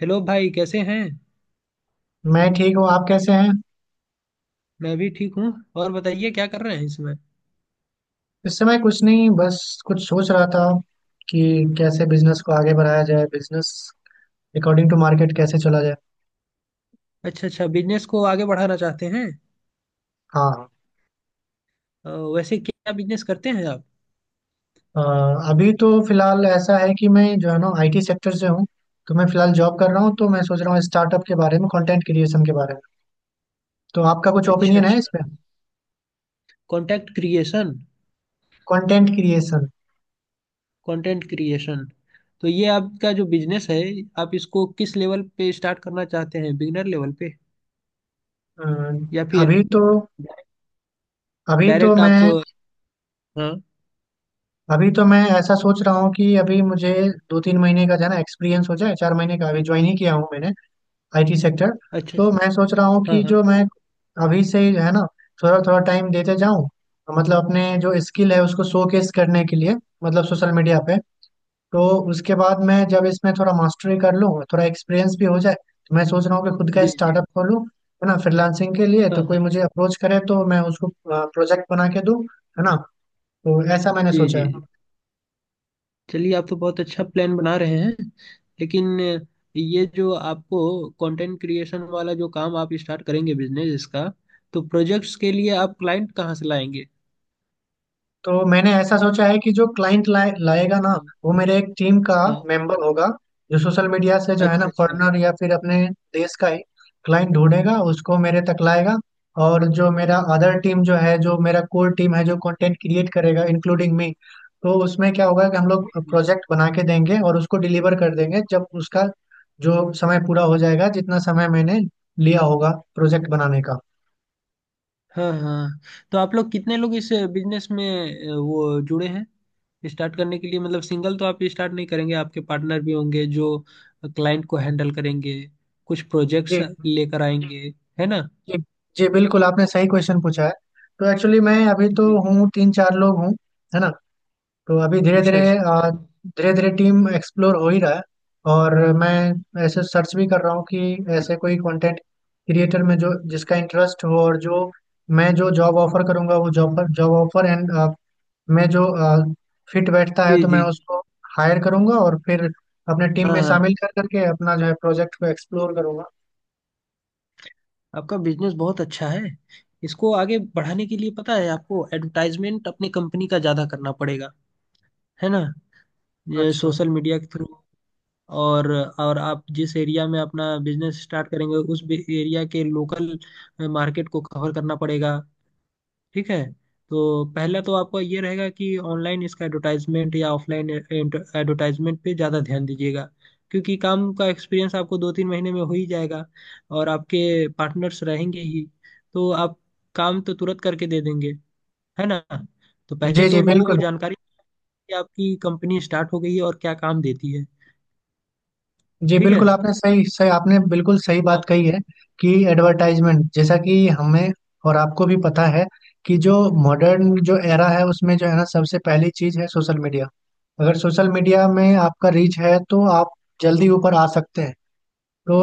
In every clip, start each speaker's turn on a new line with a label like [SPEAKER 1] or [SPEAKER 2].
[SPEAKER 1] Hello भाई कैसे हैं।
[SPEAKER 2] मैं ठीक हूँ। आप कैसे हैं?
[SPEAKER 1] मैं भी ठीक हूँ। और बताइए क्या कर रहे हैं इसमें।
[SPEAKER 2] इस समय कुछ नहीं, बस कुछ सोच रहा था कि कैसे बिजनेस को आगे बढ़ाया जाए, बिजनेस अकॉर्डिंग टू मार्केट कैसे चला जाए।
[SPEAKER 1] अच्छा अच्छा, बिजनेस को आगे बढ़ाना चाहते हैं।
[SPEAKER 2] हाँ।
[SPEAKER 1] अ, वैसे क्या बिजनेस करते हैं आप।
[SPEAKER 2] अ, अभी तो फिलहाल ऐसा है कि मैं जो है ना आईटी सेक्टर से हूँ। तो मैं फिलहाल जॉब कर रहा हूँ, तो मैं सोच रहा हूँ स्टार्टअप के बारे में, कंटेंट क्रिएशन के बारे में। तो आपका कुछ
[SPEAKER 1] अच्छा
[SPEAKER 2] ओपिनियन है
[SPEAKER 1] अच्छा।
[SPEAKER 2] इस पे?
[SPEAKER 1] Content creation.
[SPEAKER 2] Content creation.
[SPEAKER 1] Content creation, तो ये आपका जो बिजनेस है, आप इसको किस लेवल पे स्टार्ट करना चाहते हैं, बिगिनर लेवल पे या फिर
[SPEAKER 2] अभी तो अभी तो
[SPEAKER 1] डायरेक्ट आप।
[SPEAKER 2] मैं
[SPEAKER 1] हाँ।
[SPEAKER 2] अभी तो मैं ऐसा सोच रहा हूँ कि अभी मुझे 2-3 महीने का जो है ना एक्सपीरियंस हो जाए, 4 महीने का अभी ज्वाइन ही किया हूँ मैंने, आईटी सेक्टर।
[SPEAKER 1] अच्छा
[SPEAKER 2] तो
[SPEAKER 1] अच्छा।
[SPEAKER 2] मैं सोच रहा हूँ
[SPEAKER 1] हाँ
[SPEAKER 2] कि
[SPEAKER 1] हाँ।
[SPEAKER 2] जो मैं अभी से ही जो है ना थोड़ा थोड़ा टाइम देते जाऊँ, मतलब अपने जो स्किल है उसको शोकेस करने के लिए, मतलब सोशल मीडिया पे। तो उसके बाद मैं जब इसमें थोड़ा मास्टरी कर लूँ, थोड़ा एक्सपीरियंस भी हो जाए, तो मैं सोच रहा हूँ कि खुद का
[SPEAKER 1] जी जी।
[SPEAKER 2] स्टार्टअप खोलूँ, है ना। फ्रीलांसिंग के लिए
[SPEAKER 1] हाँ
[SPEAKER 2] तो कोई
[SPEAKER 1] हाँ।
[SPEAKER 2] मुझे अप्रोच करे तो मैं उसको प्रोजेक्ट बना के दूँ, है ना। तो ऐसा मैंने
[SPEAKER 1] जी
[SPEAKER 2] सोचा
[SPEAKER 1] जी।
[SPEAKER 2] है।
[SPEAKER 1] चलिए, आप तो बहुत अच्छा प्लान बना रहे हैं। लेकिन ये जो आपको कंटेंट क्रिएशन वाला जो काम आप स्टार्ट करेंगे बिजनेस इसका, तो प्रोजेक्ट्स के लिए आप क्लाइंट कहाँ से लाएंगे।
[SPEAKER 2] तो मैंने ऐसा सोचा है कि जो क्लाइंट लाएगा ना,
[SPEAKER 1] जी।
[SPEAKER 2] वो मेरे एक टीम का
[SPEAKER 1] हाँ।
[SPEAKER 2] मेंबर होगा, जो सोशल मीडिया से जो है ना
[SPEAKER 1] अच्छा अच्छा।
[SPEAKER 2] फॉरेनर या फिर अपने देश का ही क्लाइंट ढूंढेगा, उसको मेरे तक लाएगा। और जो मेरा अदर टीम जो है, जो मेरा कोर टीम है, जो कंटेंट क्रिएट करेगा, इंक्लूडिंग मी। तो उसमें क्या होगा कि हम लोग
[SPEAKER 1] जी, जी।
[SPEAKER 2] प्रोजेक्ट बना के देंगे और उसको डिलीवर कर देंगे जब उसका जो समय पूरा हो जाएगा, जितना समय मैंने लिया होगा प्रोजेक्ट बनाने का।
[SPEAKER 1] हाँ हाँ। तो आप लोग कितने लोग इस बिजनेस में वो जुड़े हैं स्टार्ट करने के लिए, मतलब सिंगल तो आप स्टार्ट नहीं करेंगे, आपके पार्टनर भी होंगे जो क्लाइंट को हैंडल करेंगे, कुछ
[SPEAKER 2] जी,
[SPEAKER 1] प्रोजेक्ट्स लेकर आएंगे, है ना।
[SPEAKER 2] जी। जी, बिल्कुल, आपने सही क्वेश्चन पूछा है। तो एक्चुअली मैं अभी तो
[SPEAKER 1] जी।
[SPEAKER 2] हूँ, 3-4 लोग हूँ, है ना। तो अभी धीरे
[SPEAKER 1] अच्छा
[SPEAKER 2] धीरे
[SPEAKER 1] अच्छा।
[SPEAKER 2] धीरे धीरे टीम एक्सप्लोर हो ही रहा है। और मैं ऐसे सर्च भी कर रहा हूँ कि ऐसे कोई कंटेंट क्रिएटर में जो जिसका इंटरेस्ट हो, और जो मैं जो जॉब ऑफर करूँगा वो जॉब पर जॉब ऑफर एंड मैं जो फिट बैठता है
[SPEAKER 1] जी
[SPEAKER 2] तो मैं
[SPEAKER 1] जी।
[SPEAKER 2] उसको हायर करूँगा और फिर अपने टीम
[SPEAKER 1] हाँ
[SPEAKER 2] में
[SPEAKER 1] हाँ।
[SPEAKER 2] शामिल कर करके अपना जो है प्रोजेक्ट को एक्सप्लोर करूँगा।
[SPEAKER 1] आपका बिजनेस बहुत अच्छा है। इसको आगे बढ़ाने के लिए पता है आपको एडवर्टाइजमेंट अपनी कंपनी का ज़्यादा करना पड़ेगा, है ना। ये
[SPEAKER 2] अच्छा।
[SPEAKER 1] सोशल मीडिया के थ्रू। और और आप जिस एरिया में अपना बिजनेस स्टार्ट करेंगे उस एरिया के लोकल मार्केट को कवर करना पड़ेगा। ठीक है। तो पहला तो आपका ये रहेगा कि ऑनलाइन इसका एडवर्टाइजमेंट या ऑफलाइन एडवर्टाइजमेंट पे ज़्यादा ध्यान दीजिएगा, क्योंकि काम का एक्सपीरियंस आपको दो तीन महीने में हो ही जाएगा और आपके पार्टनर्स रहेंगे ही, तो आप काम तो तुरंत करके दे देंगे, है ना। तो पहले
[SPEAKER 2] जी,
[SPEAKER 1] तो
[SPEAKER 2] जी,
[SPEAKER 1] लोगों को
[SPEAKER 2] बिल्कुल।
[SPEAKER 1] जानकारी कि आपकी कंपनी स्टार्ट हो गई है और क्या काम देती है।
[SPEAKER 2] जी,
[SPEAKER 1] ठीक है।
[SPEAKER 2] बिल्कुल, आपने बिल्कुल सही
[SPEAKER 1] हाँ।
[SPEAKER 2] बात कही है, कि एडवर्टाइजमेंट जैसा कि हमें और आपको भी पता है, कि जो मॉडर्न जो एरा है उसमें जो है ना सबसे पहली चीज है सोशल मीडिया। अगर सोशल मीडिया में आपका रीच है तो आप जल्दी ऊपर आ सकते हैं। तो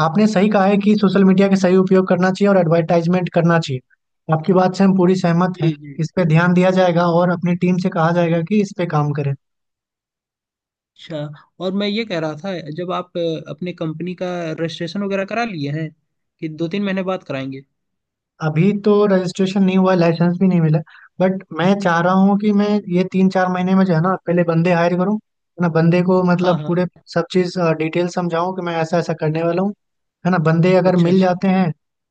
[SPEAKER 2] आपने सही कहा है कि सोशल मीडिया का सही उपयोग करना चाहिए और एडवर्टाइजमेंट करना चाहिए। आपकी बात से हम पूरी सहमत हैं।
[SPEAKER 1] जी जी।
[SPEAKER 2] इस पे ध्यान दिया जाएगा और अपनी टीम से कहा जाएगा कि इस पे काम करें।
[SPEAKER 1] अच्छा, और मैं ये कह रहा था, जब आप अपने कंपनी का रजिस्ट्रेशन वगैरह करा लिए हैं कि दो तीन महीने बाद कराएंगे।
[SPEAKER 2] अभी तो रजिस्ट्रेशन नहीं हुआ है, लाइसेंस भी नहीं मिला। बट मैं चाह रहा हूँ कि मैं ये 3-4 महीने में जो है ना पहले बंदे हायर करूँ, है ना। बंदे को
[SPEAKER 1] हाँ
[SPEAKER 2] मतलब
[SPEAKER 1] हाँ।
[SPEAKER 2] पूरे सब चीज़ डिटेल समझाऊँ कि मैं ऐसा ऐसा करने वाला हूँ, है ना। बंदे अगर
[SPEAKER 1] अच्छा
[SPEAKER 2] मिल
[SPEAKER 1] अच्छा।
[SPEAKER 2] जाते हैं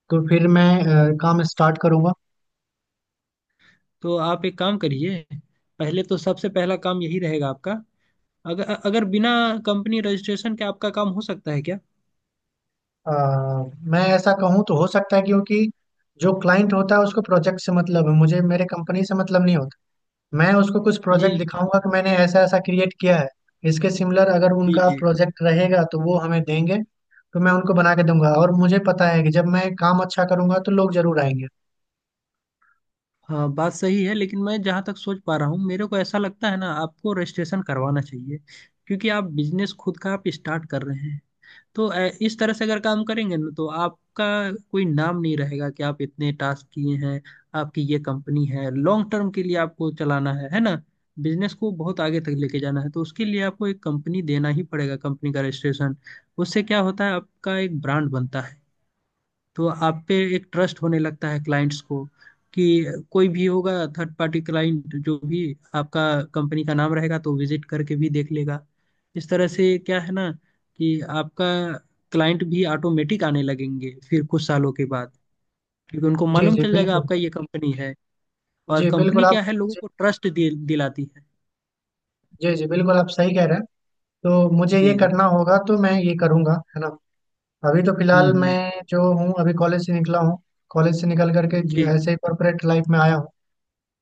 [SPEAKER 2] तो फिर मैं काम स्टार्ट करूँगा।
[SPEAKER 1] तो आप एक काम करिए, पहले तो सबसे पहला काम यही रहेगा आपका, अगर अगर बिना कंपनी रजिस्ट्रेशन के आपका काम हो सकता है क्या।
[SPEAKER 2] अ, मैं ऐसा कहूँ तो हो सकता है, क्योंकि जो क्लाइंट होता है उसको प्रोजेक्ट से मतलब है, मुझे मेरे कंपनी से मतलब नहीं होता। मैं उसको कुछ
[SPEAKER 1] जी
[SPEAKER 2] प्रोजेक्ट दिखाऊंगा कि मैंने ऐसा ऐसा क्रिएट किया है। इसके सिमिलर अगर
[SPEAKER 1] जी
[SPEAKER 2] उनका
[SPEAKER 1] जी।
[SPEAKER 2] प्रोजेक्ट रहेगा तो वो हमें देंगे। तो मैं उनको बना के दूंगा, और मुझे पता है कि जब मैं काम अच्छा करूंगा तो लोग जरूर आएंगे।
[SPEAKER 1] हाँ बात सही है, लेकिन मैं जहाँ तक सोच पा रहा हूँ मेरे को ऐसा लगता है ना, आपको रजिस्ट्रेशन करवाना चाहिए, क्योंकि आप बिजनेस खुद का आप स्टार्ट कर रहे हैं। तो इस तरह से अगर काम करेंगे ना तो आपका कोई नाम नहीं रहेगा कि आप इतने टास्क किए हैं। आपकी ये कंपनी है, लॉन्ग टर्म के लिए आपको चलाना है ना। बिजनेस को बहुत आगे तक लेके जाना है, तो उसके लिए आपको एक कंपनी देना ही पड़ेगा, कंपनी का रजिस्ट्रेशन। उससे क्या होता है, आपका एक ब्रांड बनता है, तो आप पे एक ट्रस्ट होने लगता है क्लाइंट्स को, कि कोई भी होगा थर्ड पार्टी क्लाइंट जो भी, आपका कंपनी का नाम रहेगा तो विजिट करके भी देख लेगा। इस तरह से क्या है ना, कि आपका क्लाइंट भी ऑटोमेटिक आने लगेंगे फिर कुछ सालों के बाद, क्योंकि उनको
[SPEAKER 2] जी,
[SPEAKER 1] मालूम
[SPEAKER 2] जी,
[SPEAKER 1] चल जाएगा
[SPEAKER 2] बिल्कुल।
[SPEAKER 1] आपका ये कंपनी है। और
[SPEAKER 2] जी, बिल्कुल।
[SPEAKER 1] कंपनी
[SPEAKER 2] आप
[SPEAKER 1] क्या है, लोगों
[SPEAKER 2] जी,
[SPEAKER 1] को ट्रस्ट दिलाती है।
[SPEAKER 2] जी, जी, बिल्कुल, आप सही कह रहे हैं। तो मुझे ये
[SPEAKER 1] जी जी।
[SPEAKER 2] करना होगा, तो मैं ये करूंगा, है ना। अभी तो फिलहाल
[SPEAKER 1] हम्म।
[SPEAKER 2] मैं जो हूँ, अभी कॉलेज से निकला हूँ। कॉलेज से निकल करके
[SPEAKER 1] जी।
[SPEAKER 2] ऐसे ही कॉर्पोरेट लाइफ में आया हूँ।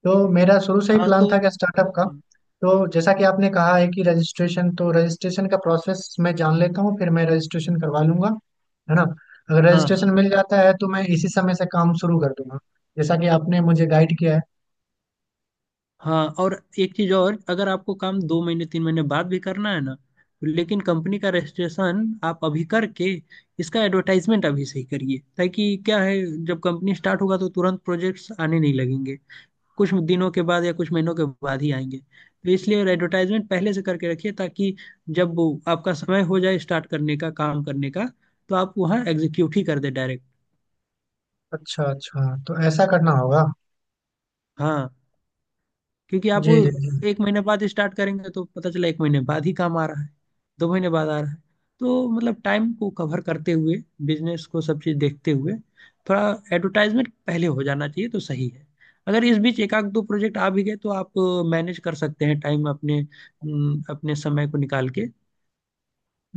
[SPEAKER 2] तो मेरा शुरू से ही
[SPEAKER 1] हाँ।
[SPEAKER 2] प्लान
[SPEAKER 1] तो
[SPEAKER 2] था कि स्टार्टअप का। तो जैसा कि आपने कहा है कि रजिस्ट्रेशन का प्रोसेस मैं जान लेता हूँ, फिर मैं रजिस्ट्रेशन करवा लूंगा, है ना। अगर
[SPEAKER 1] हाँ हाँ।
[SPEAKER 2] रजिस्ट्रेशन मिल जाता है तो मैं इसी समय से काम शुरू कर दूंगा, जैसा कि आपने मुझे गाइड किया है।
[SPEAKER 1] हाँ, और एक चीज और, अगर आपको काम दो महीने तीन महीने बाद भी करना है ना, लेकिन कंपनी का रजिस्ट्रेशन आप अभी करके इसका एडवर्टाइजमेंट अभी से ही करिए, ताकि क्या है, जब कंपनी स्टार्ट होगा तो तुरंत प्रोजेक्ट्स आने नहीं लगेंगे, कुछ दिनों के बाद या कुछ महीनों के बाद ही आएंगे, तो इसलिए एडवर्टाइजमेंट पहले से करके रखिए ताकि जब वो आपका समय हो जाए स्टार्ट करने का काम करने का तो आप वहाँ एग्जीक्यूट ही कर दे डायरेक्ट।
[SPEAKER 2] अच्छा, अच्छा, तो ऐसा करना होगा।
[SPEAKER 1] हाँ, क्योंकि आप वो
[SPEAKER 2] जी, जी, जी,
[SPEAKER 1] एक महीने बाद स्टार्ट करेंगे तो पता चला एक महीने बाद ही काम आ रहा है, दो महीने बाद आ रहा है, तो मतलब टाइम को कवर करते हुए बिजनेस को सब चीज़ देखते हुए थोड़ा एडवर्टाइजमेंट पहले हो जाना चाहिए तो सही है। अगर इस बीच एक आध दो प्रोजेक्ट आ भी गए तो आप मैनेज कर सकते हैं टाइम अपने अपने समय को निकाल के,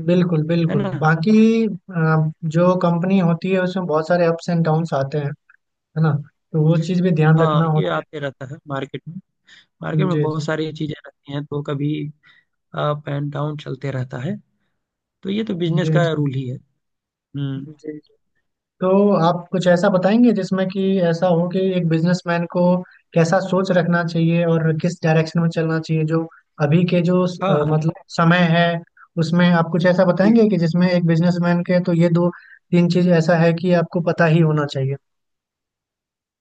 [SPEAKER 2] बिल्कुल,
[SPEAKER 1] है
[SPEAKER 2] बिल्कुल।
[SPEAKER 1] ना।
[SPEAKER 2] बाकी जो कंपनी होती है उसमें बहुत सारे अप्स एंड डाउन्स आते हैं, है ना। तो वो चीज़ भी ध्यान
[SPEAKER 1] हाँ,
[SPEAKER 2] रखना
[SPEAKER 1] ये
[SPEAKER 2] होता है।
[SPEAKER 1] आते रहता है मार्केट में। मार्केट में
[SPEAKER 2] जी,
[SPEAKER 1] बहुत
[SPEAKER 2] जी,
[SPEAKER 1] सारी चीज़ें रहती हैं तो कभी अप एंड डाउन चलते रहता है, तो ये तो बिजनेस
[SPEAKER 2] जी,
[SPEAKER 1] का
[SPEAKER 2] जी,
[SPEAKER 1] रूल ही है। हम्म।
[SPEAKER 2] जी, जी। तो आप कुछ ऐसा बताएंगे जिसमें कि ऐसा हो कि एक बिजनेसमैन को कैसा सोच रखना चाहिए और किस डायरेक्शन में चलना चाहिए, जो अभी के जो
[SPEAKER 1] हाँ हाँ।
[SPEAKER 2] मतलब समय है, उसमें आप कुछ ऐसा
[SPEAKER 1] जी।
[SPEAKER 2] बताएंगे कि जिसमें एक बिजनेसमैन के, तो ये 2-3 चीज ऐसा है कि आपको पता ही होना चाहिए।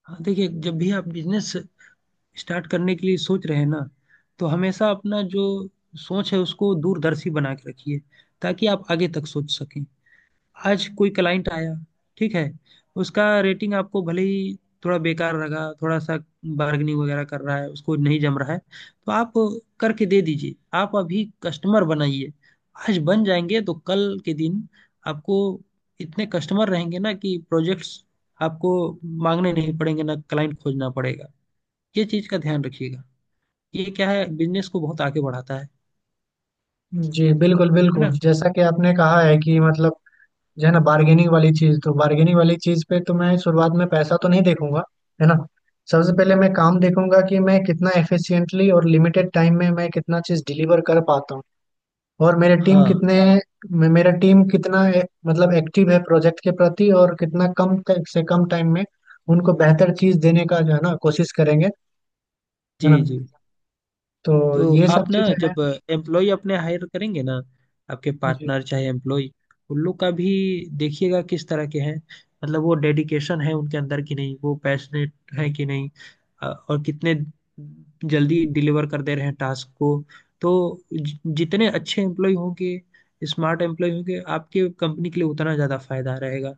[SPEAKER 1] हाँ देखिए, जब भी आप बिजनेस स्टार्ट करने के लिए सोच रहे हैं ना, तो हमेशा अपना जो सोच है उसको दूरदर्शी बना के रखिए, ताकि आप आगे तक सोच सकें। आज कोई क्लाइंट आया, ठीक है, उसका रेटिंग आपको भले ही थोड़ा बेकार लगा, थोड़ा सा बार्गेनिंग वगैरह कर रहा है, उसको नहीं जम रहा है, तो आप करके दे दीजिए, आप अभी कस्टमर बनाइए। आज बन जाएंगे तो कल के दिन आपको इतने कस्टमर रहेंगे ना कि प्रोजेक्ट्स आपको मांगने नहीं पड़ेंगे, ना क्लाइंट खोजना पड़ेगा। ये चीज का ध्यान रखिएगा, ये क्या है, बिजनेस को बहुत आगे बढ़ाता है
[SPEAKER 2] जी, बिल्कुल,
[SPEAKER 1] है ना।
[SPEAKER 2] बिल्कुल, जैसा कि आपने कहा है कि मतलब जो है ना बार्गेनिंग वाली चीज, तो बार्गेनिंग वाली चीज पे तो मैं शुरुआत में पैसा तो नहीं देखूंगा, है ना। सबसे पहले
[SPEAKER 1] जी।
[SPEAKER 2] मैं काम देखूंगा कि मैं कितना एफिशिएंटली और लिमिटेड टाइम में मैं कितना चीज डिलीवर कर पाता हूँ। और मेरे टीम
[SPEAKER 1] हाँ।
[SPEAKER 2] कितने मेरा टीम कितना मतलब एक्टिव है प्रोजेक्ट के प्रति, और कितना कम से कम टाइम में उनको बेहतर चीज देने का जो है ना कोशिश करेंगे, है
[SPEAKER 1] जी
[SPEAKER 2] ना।
[SPEAKER 1] जी।
[SPEAKER 2] तो
[SPEAKER 1] तो
[SPEAKER 2] ये सब
[SPEAKER 1] आप ना
[SPEAKER 2] चीजें हैं।
[SPEAKER 1] जब एम्प्लॉय अपने हायर करेंगे ना, आपके
[SPEAKER 2] जी,
[SPEAKER 1] पार्टनर चाहे एम्प्लॉय, उन लोग का भी देखिएगा किस तरह के हैं, मतलब वो डेडिकेशन है उनके अंदर कि नहीं, वो पैशनेट है कि नहीं, और कितने जल्दी डिलीवर कर दे रहे हैं टास्क को। तो जितने अच्छे एम्प्लॉय होंगे, स्मार्ट एम्प्लॉय होंगे आपके कंपनी के लिए, उतना ज़्यादा फायदा रहेगा।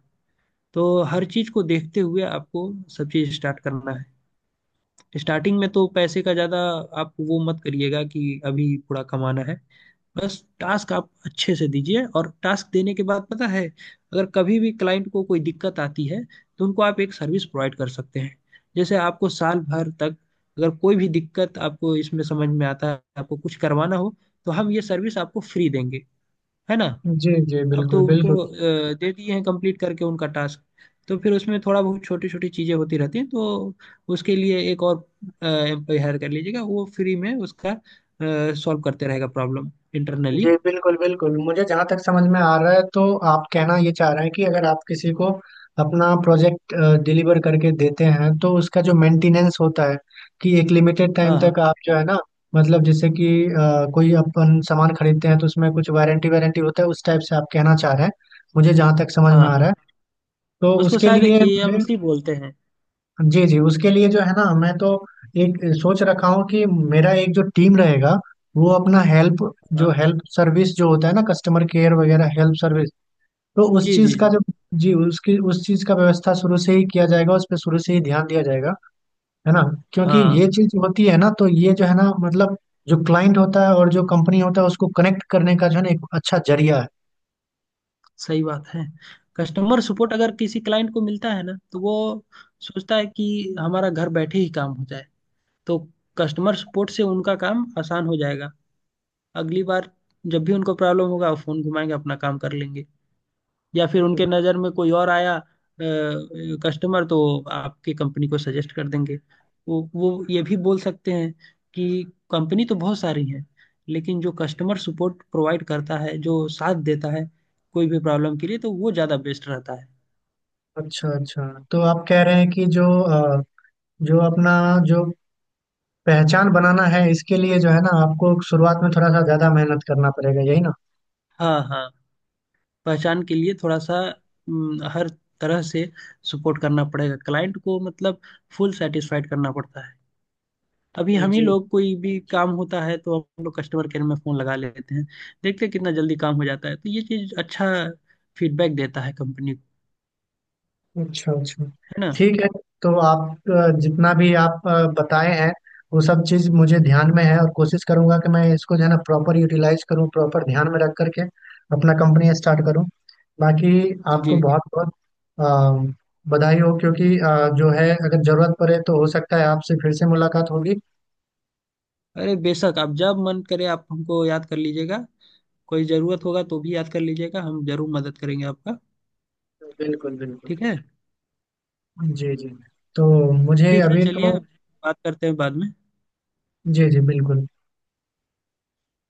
[SPEAKER 1] तो हर चीज़ को देखते हुए आपको सब चीज़ स्टार्ट करना है। स्टार्टिंग में तो पैसे का ज़्यादा आप वो मत करिएगा कि अभी थोड़ा कमाना है, बस टास्क आप अच्छे से दीजिए। और टास्क देने के बाद पता है, अगर कभी भी क्लाइंट को कोई दिक्कत आती है तो उनको आप एक सर्विस प्रोवाइड कर सकते हैं, जैसे आपको साल भर तक अगर कोई भी दिक्कत आपको इसमें समझ में आता है, आपको कुछ करवाना हो, तो हम ये सर्विस आपको फ्री देंगे, है ना।
[SPEAKER 2] जी, जी,
[SPEAKER 1] अब
[SPEAKER 2] बिल्कुल,
[SPEAKER 1] तो उनको
[SPEAKER 2] बिल्कुल।
[SPEAKER 1] दे दिए हैं कंप्लीट करके उनका टास्क, तो फिर उसमें थोड़ा बहुत छोटी छोटी चीजें होती रहती हैं, तो उसके लिए एक और एम्प्लॉय हायर कर लीजिएगा, वो फ्री में उसका सॉल्व करते रहेगा प्रॉब्लम इंटरनली।
[SPEAKER 2] जी, बिल्कुल, बिल्कुल, मुझे जहाँ तक समझ में आ रहा है तो आप कहना ये चाह रहे हैं कि अगर आप किसी को अपना प्रोजेक्ट डिलीवर करके देते हैं तो उसका जो मेंटेनेंस होता है, कि एक लिमिटेड टाइम
[SPEAKER 1] हाँ
[SPEAKER 2] तक
[SPEAKER 1] हाँ।
[SPEAKER 2] आप जो है ना मतलब, जैसे कि कोई अपन सामान खरीदते हैं तो उसमें कुछ वारंटी वारंटी होता है, उस टाइप से आप कहना चाह रहे हैं, मुझे जहाँ तक समझ में
[SPEAKER 1] हाँ
[SPEAKER 2] आ रहा
[SPEAKER 1] हाँ।
[SPEAKER 2] है। तो
[SPEAKER 1] उसको
[SPEAKER 2] उसके
[SPEAKER 1] शायद
[SPEAKER 2] लिए मुझे,
[SPEAKER 1] एएमसी बोलते हैं।
[SPEAKER 2] जी, जी, उसके लिए जो है ना मैं तो एक सोच रखा हूँ कि मेरा एक जो टीम रहेगा, वो अपना हेल्प, जो
[SPEAKER 1] हाँ।
[SPEAKER 2] हेल्प सर्विस जो होता है ना, कस्टमर केयर वगैरह हेल्प सर्विस, तो उस
[SPEAKER 1] जी जी
[SPEAKER 2] चीज का
[SPEAKER 1] जी।
[SPEAKER 2] जो, जी, उसकी उस चीज का व्यवस्था शुरू से ही किया जाएगा, उस पर शुरू से ही ध्यान दिया जाएगा, है ना। क्योंकि
[SPEAKER 1] हाँ
[SPEAKER 2] ये चीज होती है ना तो ये जो है ना मतलब, जो क्लाइंट होता है और जो कंपनी होता है उसको कनेक्ट करने का जो है ना एक अच्छा जरिया है।
[SPEAKER 1] सही बात है। कस्टमर सपोर्ट अगर किसी क्लाइंट को मिलता है ना तो वो सोचता है कि हमारा घर बैठे ही काम हो जाए, तो कस्टमर सपोर्ट से उनका काम आसान हो जाएगा। अगली बार जब भी उनको प्रॉब्लम होगा वो फोन घुमाएंगे, अपना काम कर लेंगे, या फिर उनके नज़र में कोई और आया कस्टमर, तो आपकी कंपनी को सजेस्ट कर देंगे। वो ये भी बोल सकते हैं कि कंपनी तो बहुत सारी है, लेकिन जो कस्टमर सपोर्ट प्रोवाइड करता है, जो साथ देता है कोई भी प्रॉब्लम के लिए, तो वो ज़्यादा बेस्ट रहता है।
[SPEAKER 2] अच्छा, अच्छा, तो आप कह रहे हैं कि जो जो अपना, जो पहचान बनाना है, इसके लिए जो है ना आपको शुरुआत में थोड़ा सा ज्यादा मेहनत करना पड़ेगा, यही ना।
[SPEAKER 1] हाँ हाँ, पहचान के लिए थोड़ा सा, हर तरह से सपोर्ट करना पड़ेगा क्लाइंट को, मतलब फुल सेटिस्फाइड करना पड़ता है। अभी हम ही
[SPEAKER 2] जी।
[SPEAKER 1] लोग कोई भी काम होता है तो हम लोग कस्टमर केयर में फोन लगा लेते हैं, देखते हैं कितना जल्दी काम हो जाता है, तो ये चीज अच्छा फीडबैक देता है कंपनी को,
[SPEAKER 2] अच्छा, अच्छा।
[SPEAKER 1] है ना।
[SPEAKER 2] ठीक है। तो आप जितना भी आप बताए हैं, वो सब चीज मुझे ध्यान में है और कोशिश करूंगा कि मैं इसको जो है ना प्रॉपर यूटिलाइज करूँ, प्रॉपर ध्यान में रख करके अपना कंपनी स्टार्ट करूँ। बाकी आपको
[SPEAKER 1] जी जी।
[SPEAKER 2] बहुत बहुत अ, बधाई हो, क्योंकि जो है अगर जरूरत पड़े तो हो सकता है आपसे फिर से मुलाकात होगी।
[SPEAKER 1] अरे बेशक, आप जब मन करे आप हमको याद कर लीजिएगा, कोई जरूरत होगा तो भी याद कर लीजिएगा, हम जरूर मदद करेंगे आपका।
[SPEAKER 2] बिल्कुल, बिल्कुल।
[SPEAKER 1] ठीक है।
[SPEAKER 2] जी, जी। तो मुझे
[SPEAKER 1] ठीक है
[SPEAKER 2] अभी
[SPEAKER 1] चलिए,
[SPEAKER 2] तो
[SPEAKER 1] बात करते हैं बाद में।
[SPEAKER 2] जी, जी, बिल्कुल।